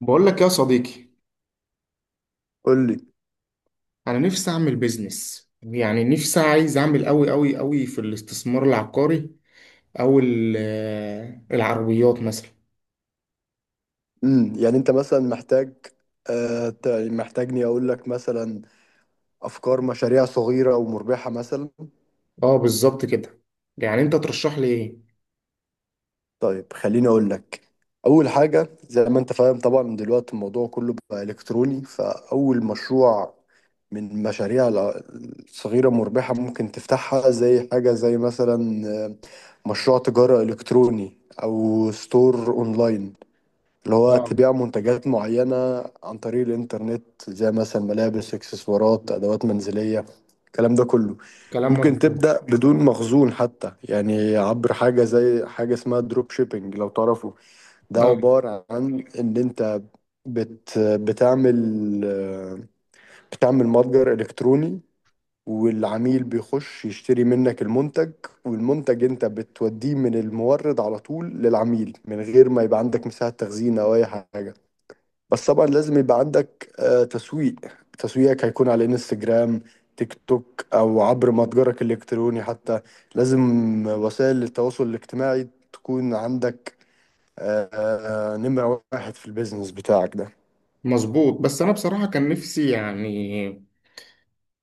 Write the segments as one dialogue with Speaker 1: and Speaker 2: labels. Speaker 1: بقول لك يا صديقي.
Speaker 2: قول لي.
Speaker 1: انا نفسي اعمل بيزنس، يعني نفسي عايز اعمل قوي قوي قوي في الاستثمار العقاري، او العربيات مثلا.
Speaker 2: يعني انت مثلا محتاج. محتاجني اقول لك مثلا افكار مشاريع صغيره ومربحه مثلا.
Speaker 1: اه، بالظبط كده. يعني انت ترشح لي ايه؟
Speaker 2: طيب، خليني اقول لك. اول حاجه زي ما انت فاهم طبعا دلوقتي الموضوع كله بقى الكتروني، فاول مشروع من الصغيره مربحه ممكن تفتحها زي حاجه زي مثلا مشروع تجاره الكتروني او ستور اونلاين، اللي هو
Speaker 1: اه،
Speaker 2: تبيع منتجات معينة عن طريق الإنترنت زي مثلا ملابس، إكسسوارات، أدوات منزلية، الكلام ده كله.
Speaker 1: كلام
Speaker 2: ممكن
Speaker 1: مظبوط.
Speaker 2: تبدأ بدون مخزون حتى، يعني عبر حاجة زي حاجة اسمها دروب شيبينج لو تعرفوا. ده
Speaker 1: اه،
Speaker 2: عبارة عن إن أنت بتعمل بتعمل متجر إلكتروني، والعميل بيخش يشتري منك المنتج، والمنتج انت بتوديه من المورد على طول للعميل من غير ما يبقى عندك مساحة تخزين او اي حاجة. بس طبعا لازم يبقى عندك تسويق. تسويقك هيكون على انستجرام، تيك توك، او عبر متجرك الالكتروني حتى. لازم وسائل التواصل الاجتماعي تكون عندك نمرة واحد في البيزنس بتاعك ده.
Speaker 1: مظبوط. بس انا بصراحة كان نفسي يعني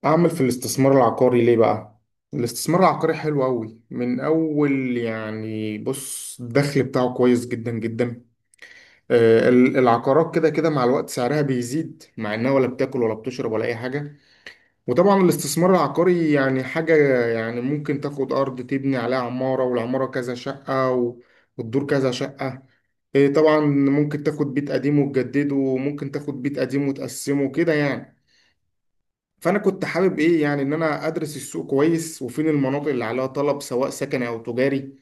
Speaker 1: اعمل في الاستثمار العقاري. ليه بقى؟ الاستثمار العقاري حلو قوي من اول. يعني بص، الدخل بتاعه كويس جدا جدا. العقارات كده كده مع الوقت سعرها بيزيد، مع انها ولا بتاكل ولا بتشرب ولا اي حاجه. وطبعا الاستثمار العقاري يعني حاجه، يعني ممكن تاخد ارض تبني عليها عماره، والعماره كذا شقه والدور كذا شقه. إيه، طبعا ممكن تاخد بيت قديم وتجدده، وممكن تاخد بيت قديم وتقسمه كده يعني. فانا كنت حابب ايه يعني، ان انا ادرس السوق كويس، وفين المناطق اللي عليها طلب سواء سكني او تجاري،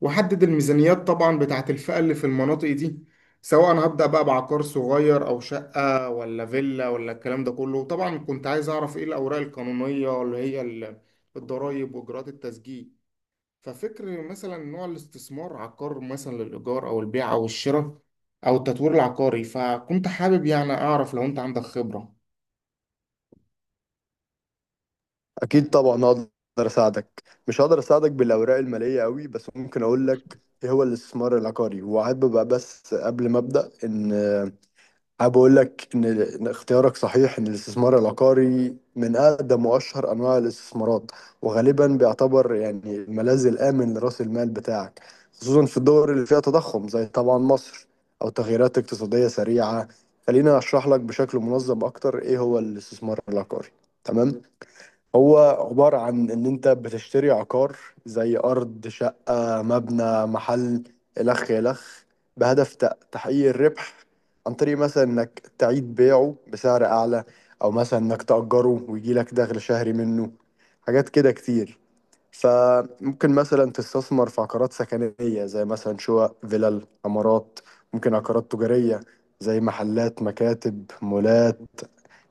Speaker 1: وحدد الميزانيات طبعا بتاعت الفئة اللي في المناطق دي، سواء هبدأ بقى بعقار صغير أو شقة ولا فيلا ولا الكلام ده كله. طبعا كنت عايز أعرف إيه الأوراق القانونية، اللي هي الضرايب وإجراءات التسجيل. ففكر مثلا نوع الاستثمار، عقار مثلا للإيجار أو البيع أو الشراء أو التطوير العقاري. فكنت حابب يعني أعرف لو أنت عندك خبرة.
Speaker 2: اكيد طبعا هقدر اساعدك. مش هقدر اساعدك بالاوراق المالية قوي، بس ممكن اقول لك ايه هو الاستثمار العقاري وعاد ببقى. بس قبل ما ابدا ان حابب أقول لك إن اختيارك صحيح، إن الاستثمار العقاري من أقدم وأشهر أنواع الاستثمارات، وغالبا بيعتبر يعني الملاذ الآمن لرأس المال بتاعك، خصوصا في الدول اللي فيها تضخم زي طبعا مصر، أو تغييرات اقتصادية سريعة. خليني أشرح لك بشكل منظم أكتر إيه هو الاستثمار العقاري. تمام. هو عبارة عن إن أنت بتشتري عقار زي أرض، شقة، مبنى، محل، إلخ إلخ، بهدف تحقيق الربح عن طريق مثلا إنك تعيد بيعه بسعر أعلى، أو مثلا إنك تأجره ويجيلك دخل شهري منه، حاجات كده كتير. فممكن مثلا تستثمر في عقارات سكنية زي مثلا شقق، فيلل، عمارات. ممكن عقارات تجارية زي محلات، مكاتب، مولات،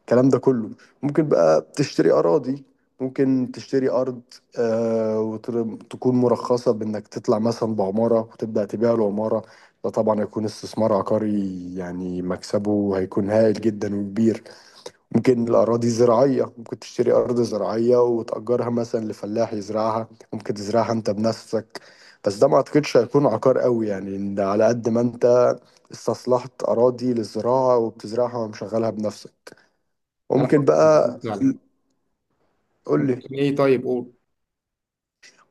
Speaker 2: الكلام ده كله. ممكن بقى تشتري أراضي. ممكن تشتري أرض آه وتكون مرخصة بإنك تطلع مثلا بعمارة وتبدأ تبيع العمارة، ده طبعا هيكون استثمار عقاري يعني مكسبه هيكون هائل جدا وكبير. ممكن الأراضي زراعية، ممكن تشتري أرض زراعية وتأجرها مثلا لفلاح يزرعها، ممكن تزرعها أنت بنفسك، بس ده ما أعتقدش هيكون عقار قوي، يعني إن ده على قد ما أنت استصلحت أراضي للزراعة وبتزرعها ومشغلها بنفسك.
Speaker 1: كلامك
Speaker 2: ممكن بقى.
Speaker 1: مظبوط فعلا.
Speaker 2: قول لي.
Speaker 1: ممكن إيه، طيب قول.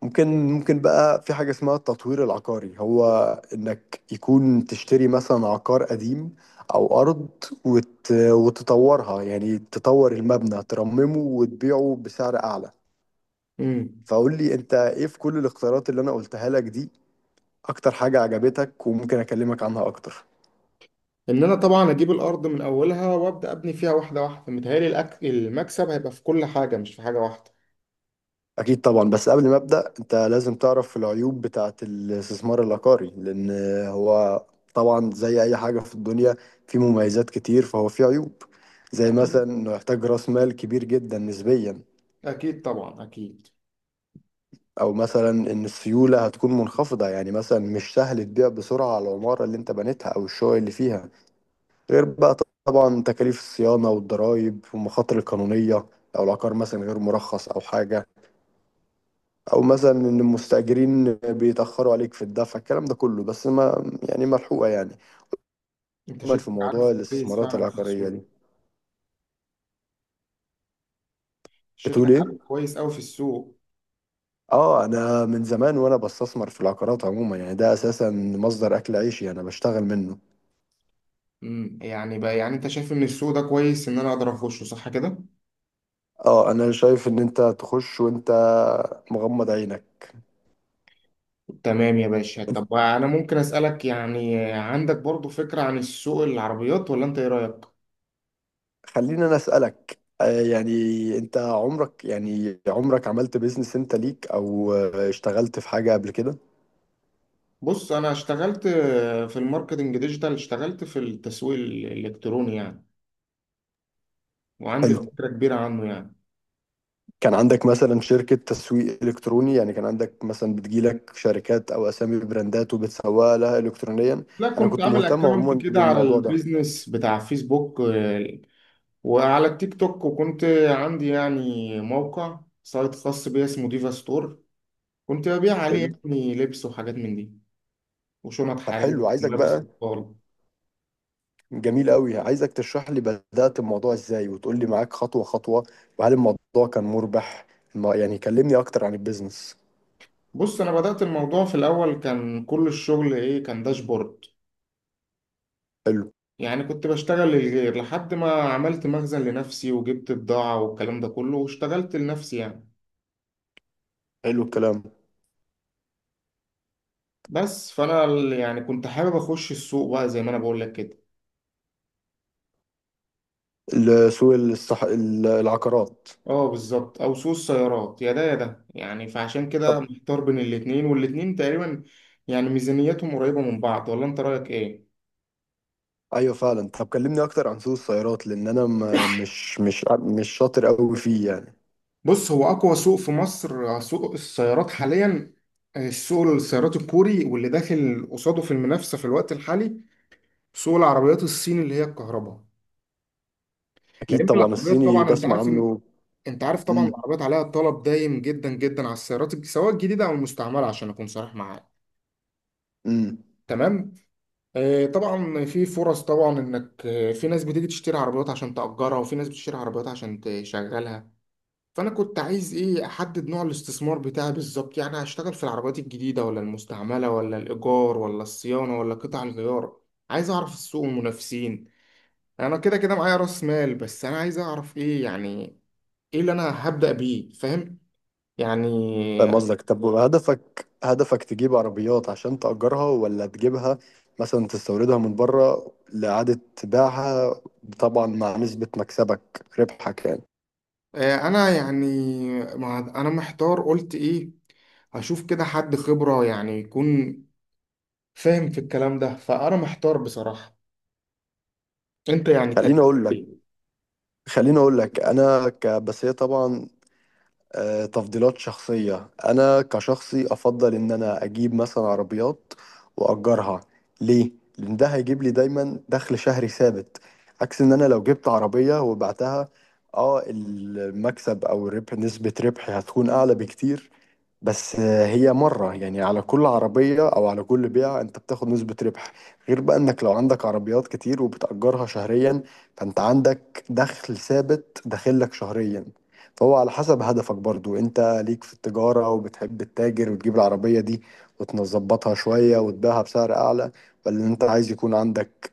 Speaker 2: ممكن بقى في حاجة اسمها التطوير العقاري، هو انك يكون تشتري مثلا عقار قديم او ارض وتطورها، يعني تطور المبنى، ترممه، وتبيعه بسعر اعلى.
Speaker 1: مم.
Speaker 2: فقول لي انت ايه في كل الاختيارات اللي انا قلتها لك دي اكتر حاجة عجبتك وممكن اكلمك عنها اكتر.
Speaker 1: ان انا طبعا اجيب الارض من اولها وابدا ابني فيها واحده واحده. متهيألي المكسب هيبقى في كل حاجه، مش في حاجه واحده.
Speaker 2: أكيد طبعا. بس قبل ما أبدأ، أنت لازم تعرف العيوب بتاعة الاستثمار العقاري. لأن هو طبعا زي أي حاجة في الدنيا، فيه مميزات كتير فهو فيه عيوب. زي مثلا
Speaker 1: اكيد،
Speaker 2: إنه يحتاج رأس مال كبير جدا نسبيا،
Speaker 1: اكيد طبعا، اكيد.
Speaker 2: أو مثلا إن السيولة هتكون منخفضة، يعني مثلا مش سهل تبيع بسرعة على العمارة اللي أنت بنيتها أو الشقق اللي فيها. غير بقى طبعا تكاليف الصيانة والضرايب والمخاطر القانونية لو العقار مثلا غير مرخص أو حاجة، او مثلا ان المستاجرين بيتاخروا عليك في الدفع، الكلام ده كله، بس ما يعني ملحوقه يعني.
Speaker 1: انت
Speaker 2: عموما
Speaker 1: شكلك
Speaker 2: في موضوع
Speaker 1: عارف كويس
Speaker 2: الاستثمارات
Speaker 1: فعلا في
Speaker 2: العقاريه
Speaker 1: السوق.
Speaker 2: دي بتقول
Speaker 1: شكلك عارف
Speaker 2: ايه؟
Speaker 1: كويس قوي في السوق.
Speaker 2: اه، انا من زمان وانا بستثمر في العقارات عموما، يعني ده اساسا مصدر اكل عيشي انا بشتغل منه.
Speaker 1: يعني بقى، يعني انت شايف ان السوق ده كويس، ان انا اقدر اخشه؟ صح كده؟
Speaker 2: اه، انا شايف ان انت تخش وانت مغمض عينك.
Speaker 1: تمام يا باشا. طب انا ممكن اسالك، يعني عندك برضو فكره عن السوق، العربيات؟ ولا انت ايه رايك؟
Speaker 2: خليني انا اسالك يعني انت عمرك عملت بيزنس انت ليك او اشتغلت في حاجه قبل كده؟
Speaker 1: بص انا اشتغلت في الماركتنج ديجيتال، اشتغلت في التسويق الالكتروني يعني، وعندي
Speaker 2: حلو.
Speaker 1: فكرة كبيرة عنه يعني.
Speaker 2: كان عندك مثلا شركة تسويق إلكتروني، يعني كان عندك مثلا بتجيلك شركات أو أسامي براندات وبتسوق لها إلكترونيا؟
Speaker 1: لا،
Speaker 2: أنا
Speaker 1: كنت
Speaker 2: كنت
Speaker 1: عامل
Speaker 2: مهتم
Speaker 1: اكونت
Speaker 2: عموما
Speaker 1: كده على
Speaker 2: بالموضوع ده.
Speaker 1: البيزنس بتاع فيسبوك وعلى التيك توك، وكنت عندي يعني موقع سايت خاص بيا اسمه ديفا ستور. كنت ببيع عليه
Speaker 2: حلو.
Speaker 1: يعني لبس وحاجات من دي، وشنط
Speaker 2: طب
Speaker 1: حرير،
Speaker 2: حلو، عايزك
Speaker 1: ملابس
Speaker 2: بقى.
Speaker 1: اطفال.
Speaker 2: جميل قوي، عايزك تشرح لي بدأت الموضوع إزاي وتقول لي معاك خطوة خطوة، وهل الموضوع كان مربح. يعني كلمني أكتر عن البيزنس.
Speaker 1: بص انا بدأت الموضوع، في الاول كان كل الشغل ايه، كان داشبورد.
Speaker 2: حلو.
Speaker 1: يعني كنت بشتغل للغير لحد ما عملت مخزن لنفسي وجبت بضاعة والكلام ده كله، واشتغلت لنفسي يعني.
Speaker 2: حلو الكلام.
Speaker 1: بس فانا يعني كنت حابب اخش السوق بقى زي ما انا بقول لك كده.
Speaker 2: العقارات.
Speaker 1: اه بالظبط، او سوق السيارات، يا ده يا ده يعني. فعشان
Speaker 2: طب
Speaker 1: كده محتار بين الاتنين، والاتنين تقريبا يعني ميزانيتهم قريبة من بعض. ولا انت رأيك ايه؟
Speaker 2: ايوه فعلا. طب كلمني اكتر عن سوق السيارات، لان انا ما مش مش مش شاطر قوي فيه يعني.
Speaker 1: بص هو اقوى سوق في مصر سوق السيارات حاليا. السوق السيارات الكوري، واللي داخل قصاده في المنافسة في الوقت الحالي سوق العربيات الصيني اللي هي الكهرباء.
Speaker 2: اكيد
Speaker 1: لان
Speaker 2: طبعا،
Speaker 1: العربيات
Speaker 2: الصيني
Speaker 1: طبعا انت
Speaker 2: بسمع
Speaker 1: عارف،
Speaker 2: عنه.
Speaker 1: انت عارف طبعا
Speaker 2: امم.
Speaker 1: العربيات عليها طلب دايم جدا جدا على السيارات، سواء الجديده او المستعمله، عشان اكون صريح معاك.
Speaker 2: امم.
Speaker 1: تمام. آه طبعا في فرص، طبعا انك في ناس بتيجي تشتري عربيات عشان تأجرها، وفي ناس بتشتري عربيات عشان تشغلها. فانا كنت عايز ايه، احدد نوع الاستثمار بتاعي بالظبط، يعني هشتغل في العربيات الجديده ولا المستعمله، ولا الايجار ولا الصيانه ولا قطع الغيار. عايز اعرف السوق والمنافسين. انا كده كده معايا راس مال، بس انا عايز اعرف ايه يعني، ايه اللي انا هبدأ بيه؟ فاهم يعني؟
Speaker 2: فاهم قصدك. طب هدفك، هدفك تجيب عربيات عشان تأجرها ولا تجيبها مثلا تستوردها من بره لإعادة بيعها، طبعا مع نسبة مكسبك ربحك يعني؟
Speaker 1: انا يعني، ما انا محتار قلت ايه، هشوف كده حد خبرة يعني يكون فاهم في الكلام ده. فانا محتار بصراحة. انت يعني تقدم
Speaker 2: خليني اقول لك.
Speaker 1: ايه؟
Speaker 2: بس هي طبعا تفضيلات شخصية. أنا كشخصي أفضل إن أنا أجيب مثلا عربيات وأجرها. ليه؟ لأن ده هيجيب لي دايما دخل شهري ثابت، عكس إن أنا لو جبت عربية وبعتها. اه، المكسب أو الربح، نسبة ربحي هتكون أعلى بكتير، بس هي مرة يعني، على كل عربية أو على كل بيعة أنت بتاخد نسبة ربح. غير بقى إنك لو عندك عربيات كتير وبتأجرها شهريا، فأنت عندك دخل ثابت داخلك شهريا. فهو على حسب هدفك برضو، أنت ليك في التجارة وبتحب التاجر وتجيب العربية دي وتظبطها شوية وتبيعها بسعر أعلى، ولا أنت عايز يكون عندك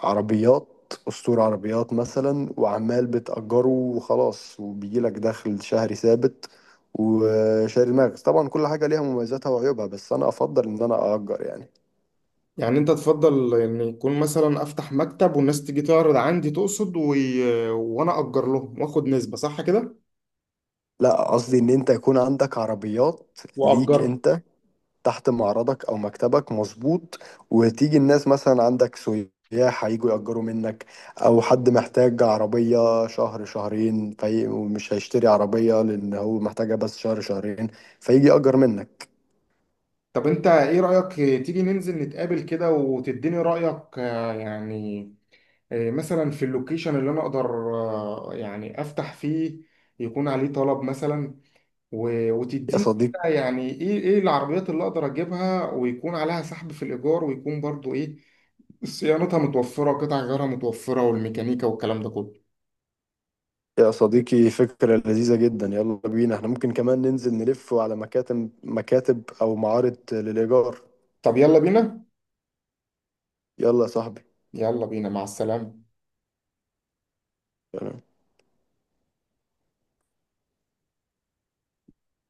Speaker 2: عربيات أسطورة عربيات مثلا وعمال بتأجره وخلاص وبيجيلك دخل شهري ثابت وشاري دماغك. طبعا كل حاجة ليها مميزاتها وعيوبها، بس أنا أفضل إن أنا أأجر يعني.
Speaker 1: يعني انت تفضل ان يكون مثلا افتح مكتب والناس تيجي تعرض عندي، تقصد وانا اجر لهم واخد نسبة؟ صح كده؟
Speaker 2: لا، قصدي إن أنت يكون عندك عربيات ليك
Speaker 1: واجرها.
Speaker 2: أنت تحت معرضك أو مكتبك، مظبوط، وتيجي الناس مثلا عندك سياح هيجوا يأجروا منك، أو حد محتاج عربية شهر شهرين في ومش هيشتري عربية لأن هو محتاجها بس شهر شهرين، فيجي يأجر منك.
Speaker 1: طب انت ايه رأيك، تيجي ننزل نتقابل كده وتديني رأيك يعني، إيه، مثلا في اللوكيشن اللي انا اقدر يعني افتح فيه، يكون عليه طلب مثلا؟
Speaker 2: يا
Speaker 1: وتديني
Speaker 2: صديقي
Speaker 1: كده يعني ايه العربيات اللي اقدر اجيبها، ويكون عليها سحب في الايجار، ويكون برضو ايه، صيانتها متوفرة، قطع غيارها متوفرة، والميكانيكا والكلام ده كله.
Speaker 2: يا صديقي، فكرة لذيذة جدا، يلا بينا. احنا ممكن كمان ننزل نلف على مكاتب أو معارض للإيجار.
Speaker 1: طب يلا بينا.
Speaker 2: يلا يا صاحبي.
Speaker 1: يلا بينا، مع السلامة.